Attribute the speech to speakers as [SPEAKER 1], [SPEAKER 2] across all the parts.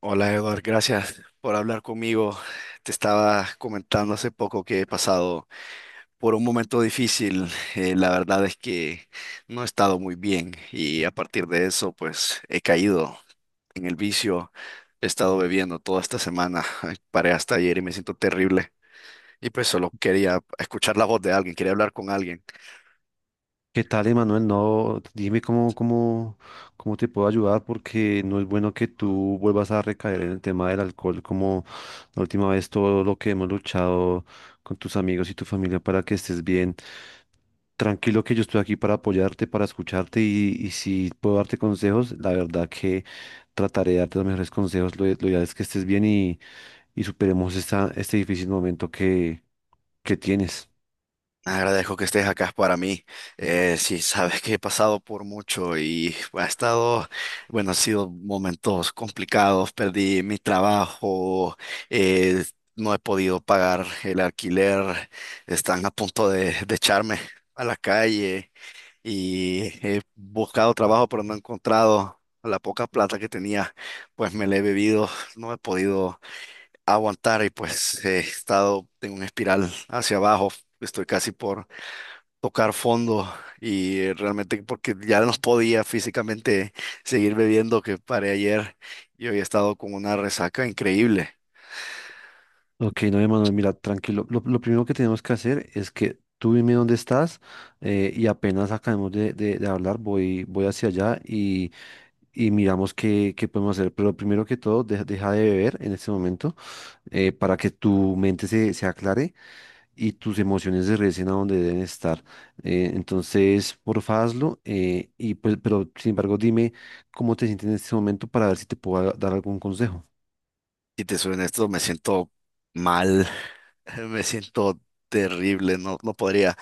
[SPEAKER 1] Hola Eduard, gracias por hablar conmigo. Te estaba comentando hace poco que he pasado por un momento difícil. La verdad es que no he estado muy bien y a partir de eso pues he caído en el vicio. He estado bebiendo toda esta semana. Paré hasta ayer y me siento terrible. Y pues solo quería escuchar la voz de alguien, quería hablar con alguien.
[SPEAKER 2] ¿Qué tal, Emanuel? No, dime cómo te puedo ayudar porque no es bueno que tú vuelvas a recaer en el tema del alcohol como la última vez todo lo que hemos luchado con tus amigos y tu familia para que estés bien. Tranquilo que yo estoy aquí para apoyarte, para escucharte y si puedo darte consejos, la verdad que trataré de darte los mejores consejos. Lo ideal es que estés bien y superemos esta, este difícil momento que tienes.
[SPEAKER 1] Agradezco que estés acá para mí. Sí, sabes que he pasado por mucho y ha estado, bueno, han sido momentos complicados. Perdí mi trabajo, eh, no he podido pagar el alquiler, están a punto de echarme a la calle y he buscado trabajo, pero no he encontrado. La poca plata que tenía, pues me la he bebido, no he podido aguantar y pues he estado en una espiral hacia abajo. Estoy casi por tocar fondo y realmente porque ya no podía físicamente seguir bebiendo que paré ayer y hoy he estado con una resaca increíble.
[SPEAKER 2] Ok, no, Emanuel, mira, tranquilo. Lo primero que tenemos que hacer es que tú dime dónde estás y apenas acabemos de hablar, voy hacia allá y miramos qué podemos hacer. Pero primero que todo, deja de beber en este momento para que tu mente se aclare y tus emociones se regresen a donde deben estar. Entonces, porfa, hazlo y pues, pero sin embargo, dime cómo te sientes en este momento para ver si te puedo dar algún consejo.
[SPEAKER 1] Si te soy honesto, me siento mal, me siento terrible, no, no podría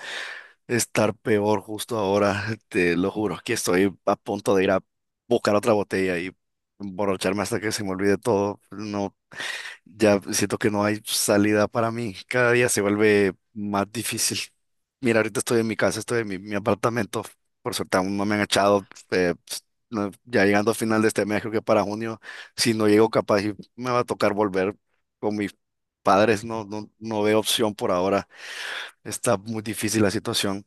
[SPEAKER 1] estar peor justo ahora, te lo juro, que estoy a punto de ir a buscar otra botella y emborracharme hasta que se me olvide todo. No, ya siento que no hay salida para mí. Cada día se vuelve más difícil. Mira, ahorita estoy en mi casa, estoy en mi apartamento. Por suerte aún no me han echado. Ya llegando a final de este mes, creo que para junio, si no llego capaz, y me va a tocar volver con mis padres. No, no, no veo opción por ahora. Está muy difícil la situación.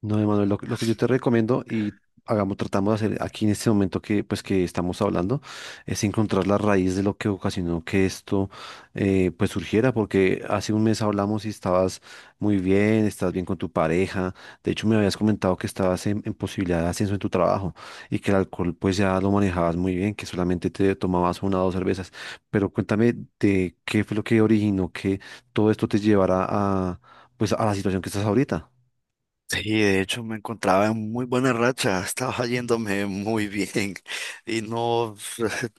[SPEAKER 2] No, Emanuel, lo que yo te recomiendo y hagamos, tratamos de hacer aquí en este momento que, pues, que estamos hablando, es encontrar la raíz de lo que ocasionó que esto, pues, surgiera, porque hace un mes hablamos y estabas muy bien, estás bien con tu pareja, de hecho me habías comentado que estabas en posibilidad de ascenso en tu trabajo y que el alcohol, pues, ya lo manejabas muy bien, que solamente te tomabas una o dos cervezas, pero cuéntame de qué fue lo que originó que todo esto te llevara a, pues, a la situación que estás ahorita.
[SPEAKER 1] Sí, de hecho me encontraba en muy buena racha, estaba yéndome muy bien y no,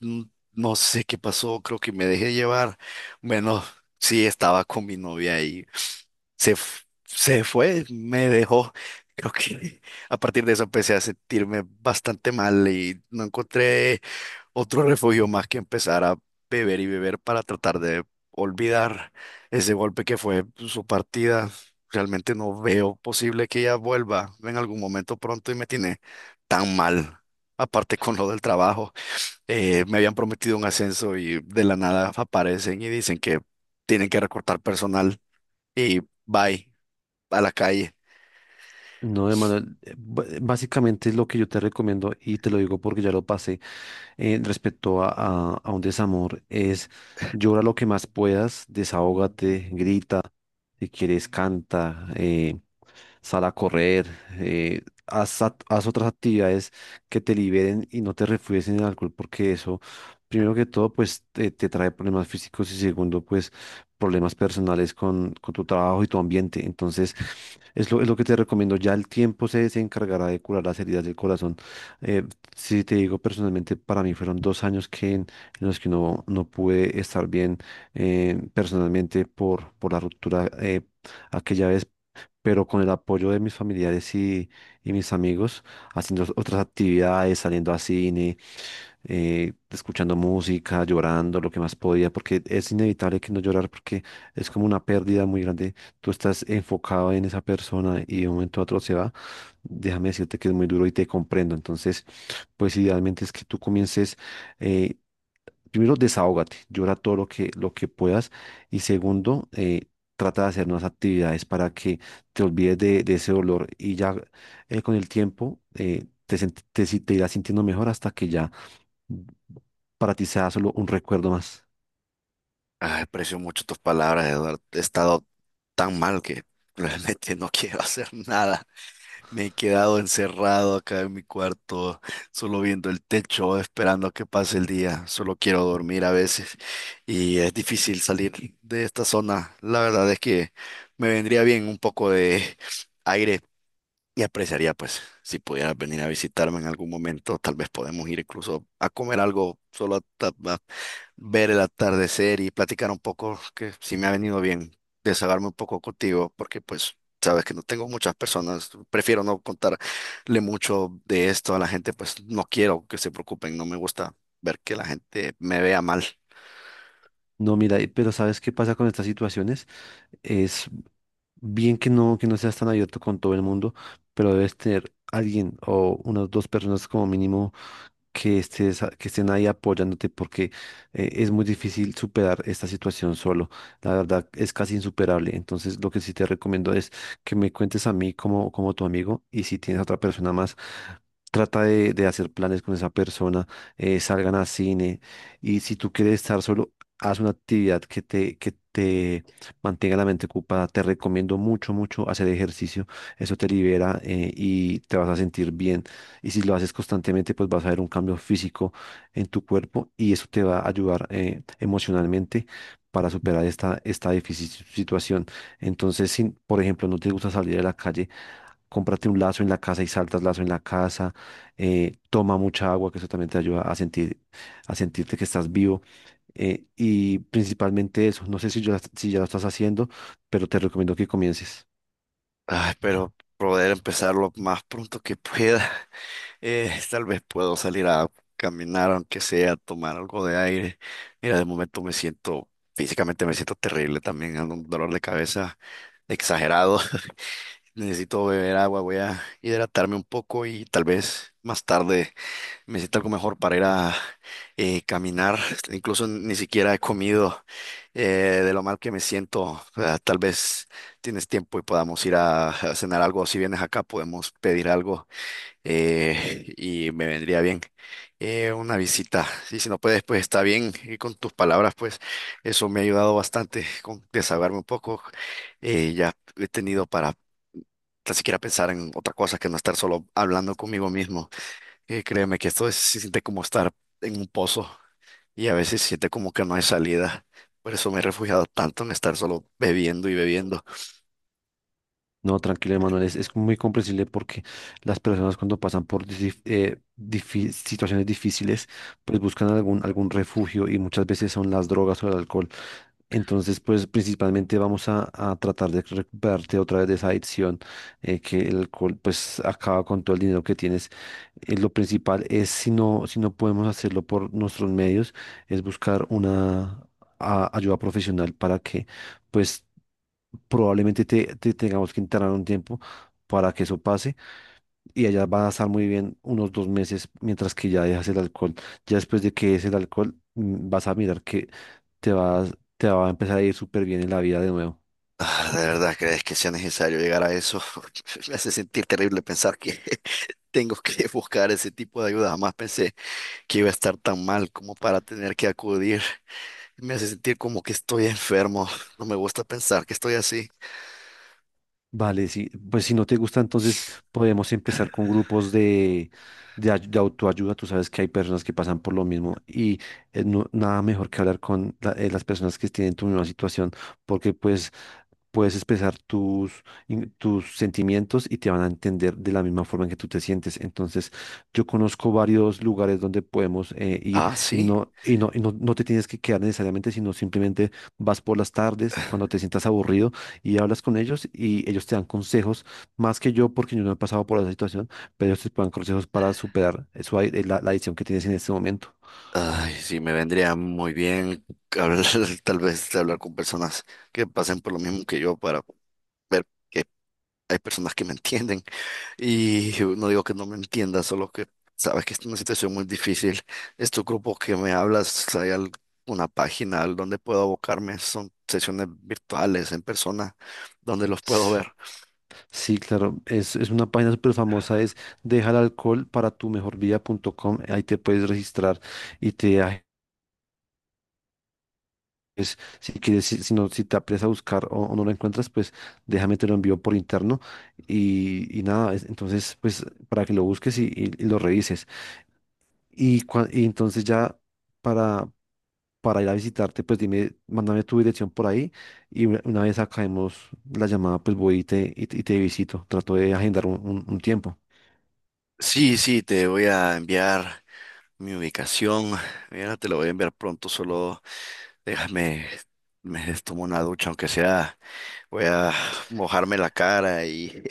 [SPEAKER 1] no sé qué pasó, creo que me dejé llevar. Bueno, sí, estaba con mi novia y se fue, me dejó. Creo que a partir de eso empecé a sentirme bastante mal y no encontré otro refugio más que empezar a beber y beber para tratar de olvidar ese golpe que fue su partida. Realmente no veo posible que ella vuelva en algún momento pronto y me tiene tan mal. Aparte con lo del trabajo, me habían prometido un ascenso y de la nada aparecen y dicen que tienen que recortar personal y bye, a la calle.
[SPEAKER 2] No, Emanuel, básicamente es lo que yo te recomiendo y te lo digo porque ya lo pasé respecto a, a un desamor, es llora lo que más puedas, desahógate, grita, si quieres canta, sal a correr, eh, haz otras actividades que te liberen y no te refugies en el alcohol, porque eso, primero que todo, pues te trae problemas físicos y segundo, pues problemas personales con tu trabajo y tu ambiente. Entonces, es lo que te recomiendo. Ya el tiempo se encargará de curar las heridas del corazón. Eh, si te digo personalmente, para mí fueron dos años que, en los que no, no pude estar bien personalmente por la ruptura aquella vez pero con el apoyo de mis familiares y mis amigos, haciendo otras actividades, saliendo a cine escuchando música, llorando lo que más podía, porque es inevitable que no llorar porque es como una pérdida muy grande. Tú estás enfocado en esa persona y de un momento a otro se va. Déjame decirte que es muy duro y te comprendo. Entonces, pues idealmente es que tú comiences... eh, primero desahógate, llora todo lo que puedas y segundo, trata de hacer nuevas actividades para que te olvides de ese dolor y ya con el tiempo te, sent- te, si- te irás sintiendo mejor hasta que ya para ti sea solo un recuerdo más.
[SPEAKER 1] Ah, aprecio mucho tus palabras, Eduardo. He estado tan mal que realmente no quiero hacer nada. Me he quedado encerrado acá en mi cuarto, solo viendo el techo, esperando a que pase el día. Solo quiero dormir a veces y es difícil salir de esta zona. La verdad es que me vendría bien un poco de aire y apreciaría, pues, si pudieras venir a visitarme en algún momento, tal vez podemos ir incluso a comer algo, solo a ver el atardecer y platicar un poco, que sí me ha venido bien desahogarme un poco contigo, porque pues sabes que no tengo muchas personas, prefiero no contarle mucho de esto a la gente, pues no quiero que se preocupen, no me gusta ver que la gente me vea mal.
[SPEAKER 2] No, mira, pero ¿sabes qué pasa con estas situaciones? Es bien que no seas tan abierto con todo el mundo, pero debes tener alguien o unas dos personas como mínimo que estés, que estén ahí apoyándote porque es muy difícil superar esta situación solo. La verdad es casi insuperable. Entonces, lo que sí te recomiendo es que me cuentes a mí como, como tu amigo y si tienes a otra persona más, trata de hacer planes con esa persona, salgan a cine y si tú quieres estar solo haz una actividad que te mantenga la mente ocupada. Te recomiendo mucho, mucho hacer ejercicio. Eso te libera y te vas a sentir bien. Y si lo haces constantemente, pues vas a ver un cambio físico en tu cuerpo y eso te va a ayudar emocionalmente para superar esta, esta difícil situación. Entonces, si, por ejemplo, no te gusta salir a la calle, cómprate un lazo en la casa y saltas lazo en la casa, toma mucha agua, que eso también te ayuda a sentir, a sentirte que estás vivo y principalmente eso. No sé si ya, si ya lo estás haciendo, pero te recomiendo que comiences.
[SPEAKER 1] Ay, pero poder empezarlo más pronto que pueda. Tal vez puedo salir a caminar, aunque sea, tomar algo de aire. Mira, de momento me siento, físicamente me siento terrible también, ando un dolor de cabeza exagerado. Necesito beber agua, voy a hidratarme un poco y tal vez más tarde me sienta algo mejor para ir a caminar. Incluso ni siquiera he comido de lo mal que me siento. Ah, tal vez tienes tiempo y podamos ir a cenar algo. Si vienes acá, podemos pedir algo y me vendría bien una visita. Y si no puedes, pues está bien. Y con tus palabras, pues eso me ha ayudado bastante con desahogarme un poco. Ya he tenido para tan siquiera pensar en otra cosa que no estar solo hablando conmigo mismo. Créeme que se siente como estar en un pozo y a veces se siente como que no hay salida. Por eso me he refugiado tanto en estar solo bebiendo y bebiendo.
[SPEAKER 2] No, tranquilo, Manuel es muy comprensible porque las personas cuando pasan por situaciones difíciles, pues buscan algún, algún refugio y muchas veces son las drogas o el alcohol. Entonces, pues principalmente vamos a tratar de recuperarte otra vez de esa adicción, que el alcohol pues acaba con todo el dinero que tienes. Lo principal es, si no, si no podemos hacerlo por nuestros medios, es buscar una ayuda profesional para que pues probablemente te tengamos que internar un tiempo para que eso pase y allá van a estar muy bien unos dos meses mientras que ya dejas el alcohol. Ya después de que es el alcohol, vas a mirar que te va a empezar a ir súper bien en la vida de nuevo.
[SPEAKER 1] Ah, ¿de verdad crees que sea necesario llegar a eso? Me hace sentir terrible pensar que tengo que buscar ese tipo de ayuda. Jamás pensé que iba a estar tan mal como para tener que acudir. Me hace sentir como que estoy enfermo. No me gusta pensar que estoy así.
[SPEAKER 2] Vale, sí, pues si no te gusta, entonces podemos empezar con grupos de autoayuda. Tú sabes que hay personas que pasan por lo mismo y nada mejor que hablar con las personas que tienen tu misma situación, porque pues puedes expresar tus sentimientos y te van a entender de la misma forma en que tú te sientes. Entonces, yo conozco varios lugares donde podemos ir
[SPEAKER 1] Ah, sí.
[SPEAKER 2] no te tienes que quedar necesariamente, sino simplemente vas por las tardes cuando te sientas aburrido y hablas con ellos y ellos te dan consejos, más que yo, porque yo no he pasado por esa situación, pero ellos te dan consejos para superar eso, ahí, la adicción que tienes en este momento.
[SPEAKER 1] Ay, sí, me vendría muy bien hablar, tal vez hablar con personas que pasen por lo mismo que yo para ver que hay personas que me entienden. Y no digo que no me entienda, solo que sabes que es una situación muy difícil. Estos grupos que me hablas, hay alguna página al donde puedo abocarme, son sesiones virtuales, en persona, donde los puedo
[SPEAKER 2] S-
[SPEAKER 1] ver.
[SPEAKER 2] Sí, claro, es una página súper famosa, es deja el alcohol para tu mejor vida vida.com, ahí te puedes registrar y te... pues, si quieres, si no, si te apres a buscar o no lo encuentras, pues déjame te lo envío por interno y nada, es- entonces pues para que lo busques y lo revises. Y entonces ya para ir a visitarte, pues dime, mándame tu dirección por ahí y una vez acabemos la llamada, pues voy y te visito. Trato de agendar un tiempo.
[SPEAKER 1] Sí, sí, te voy a enviar mi ubicación. Mira, te lo voy a enviar pronto, solo déjame, me tomo una ducha, aunque sea, voy a mojarme la cara y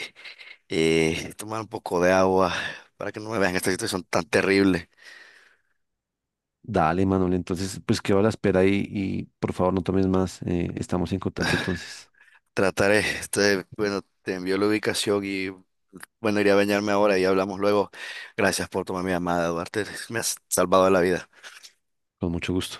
[SPEAKER 1] tomar un poco de agua para que no me vean esta situación tan terrible.
[SPEAKER 2] Dale, Manuel, entonces pues quedo a la espera y por favor no tomes más. Estamos en contacto entonces,
[SPEAKER 1] Trataré, este, bueno, te envió la ubicación y bueno, iré a bañarme ahora y hablamos luego. Gracias por tomar mi llamada, Duarte. Me has salvado la vida.
[SPEAKER 2] con mucho gusto.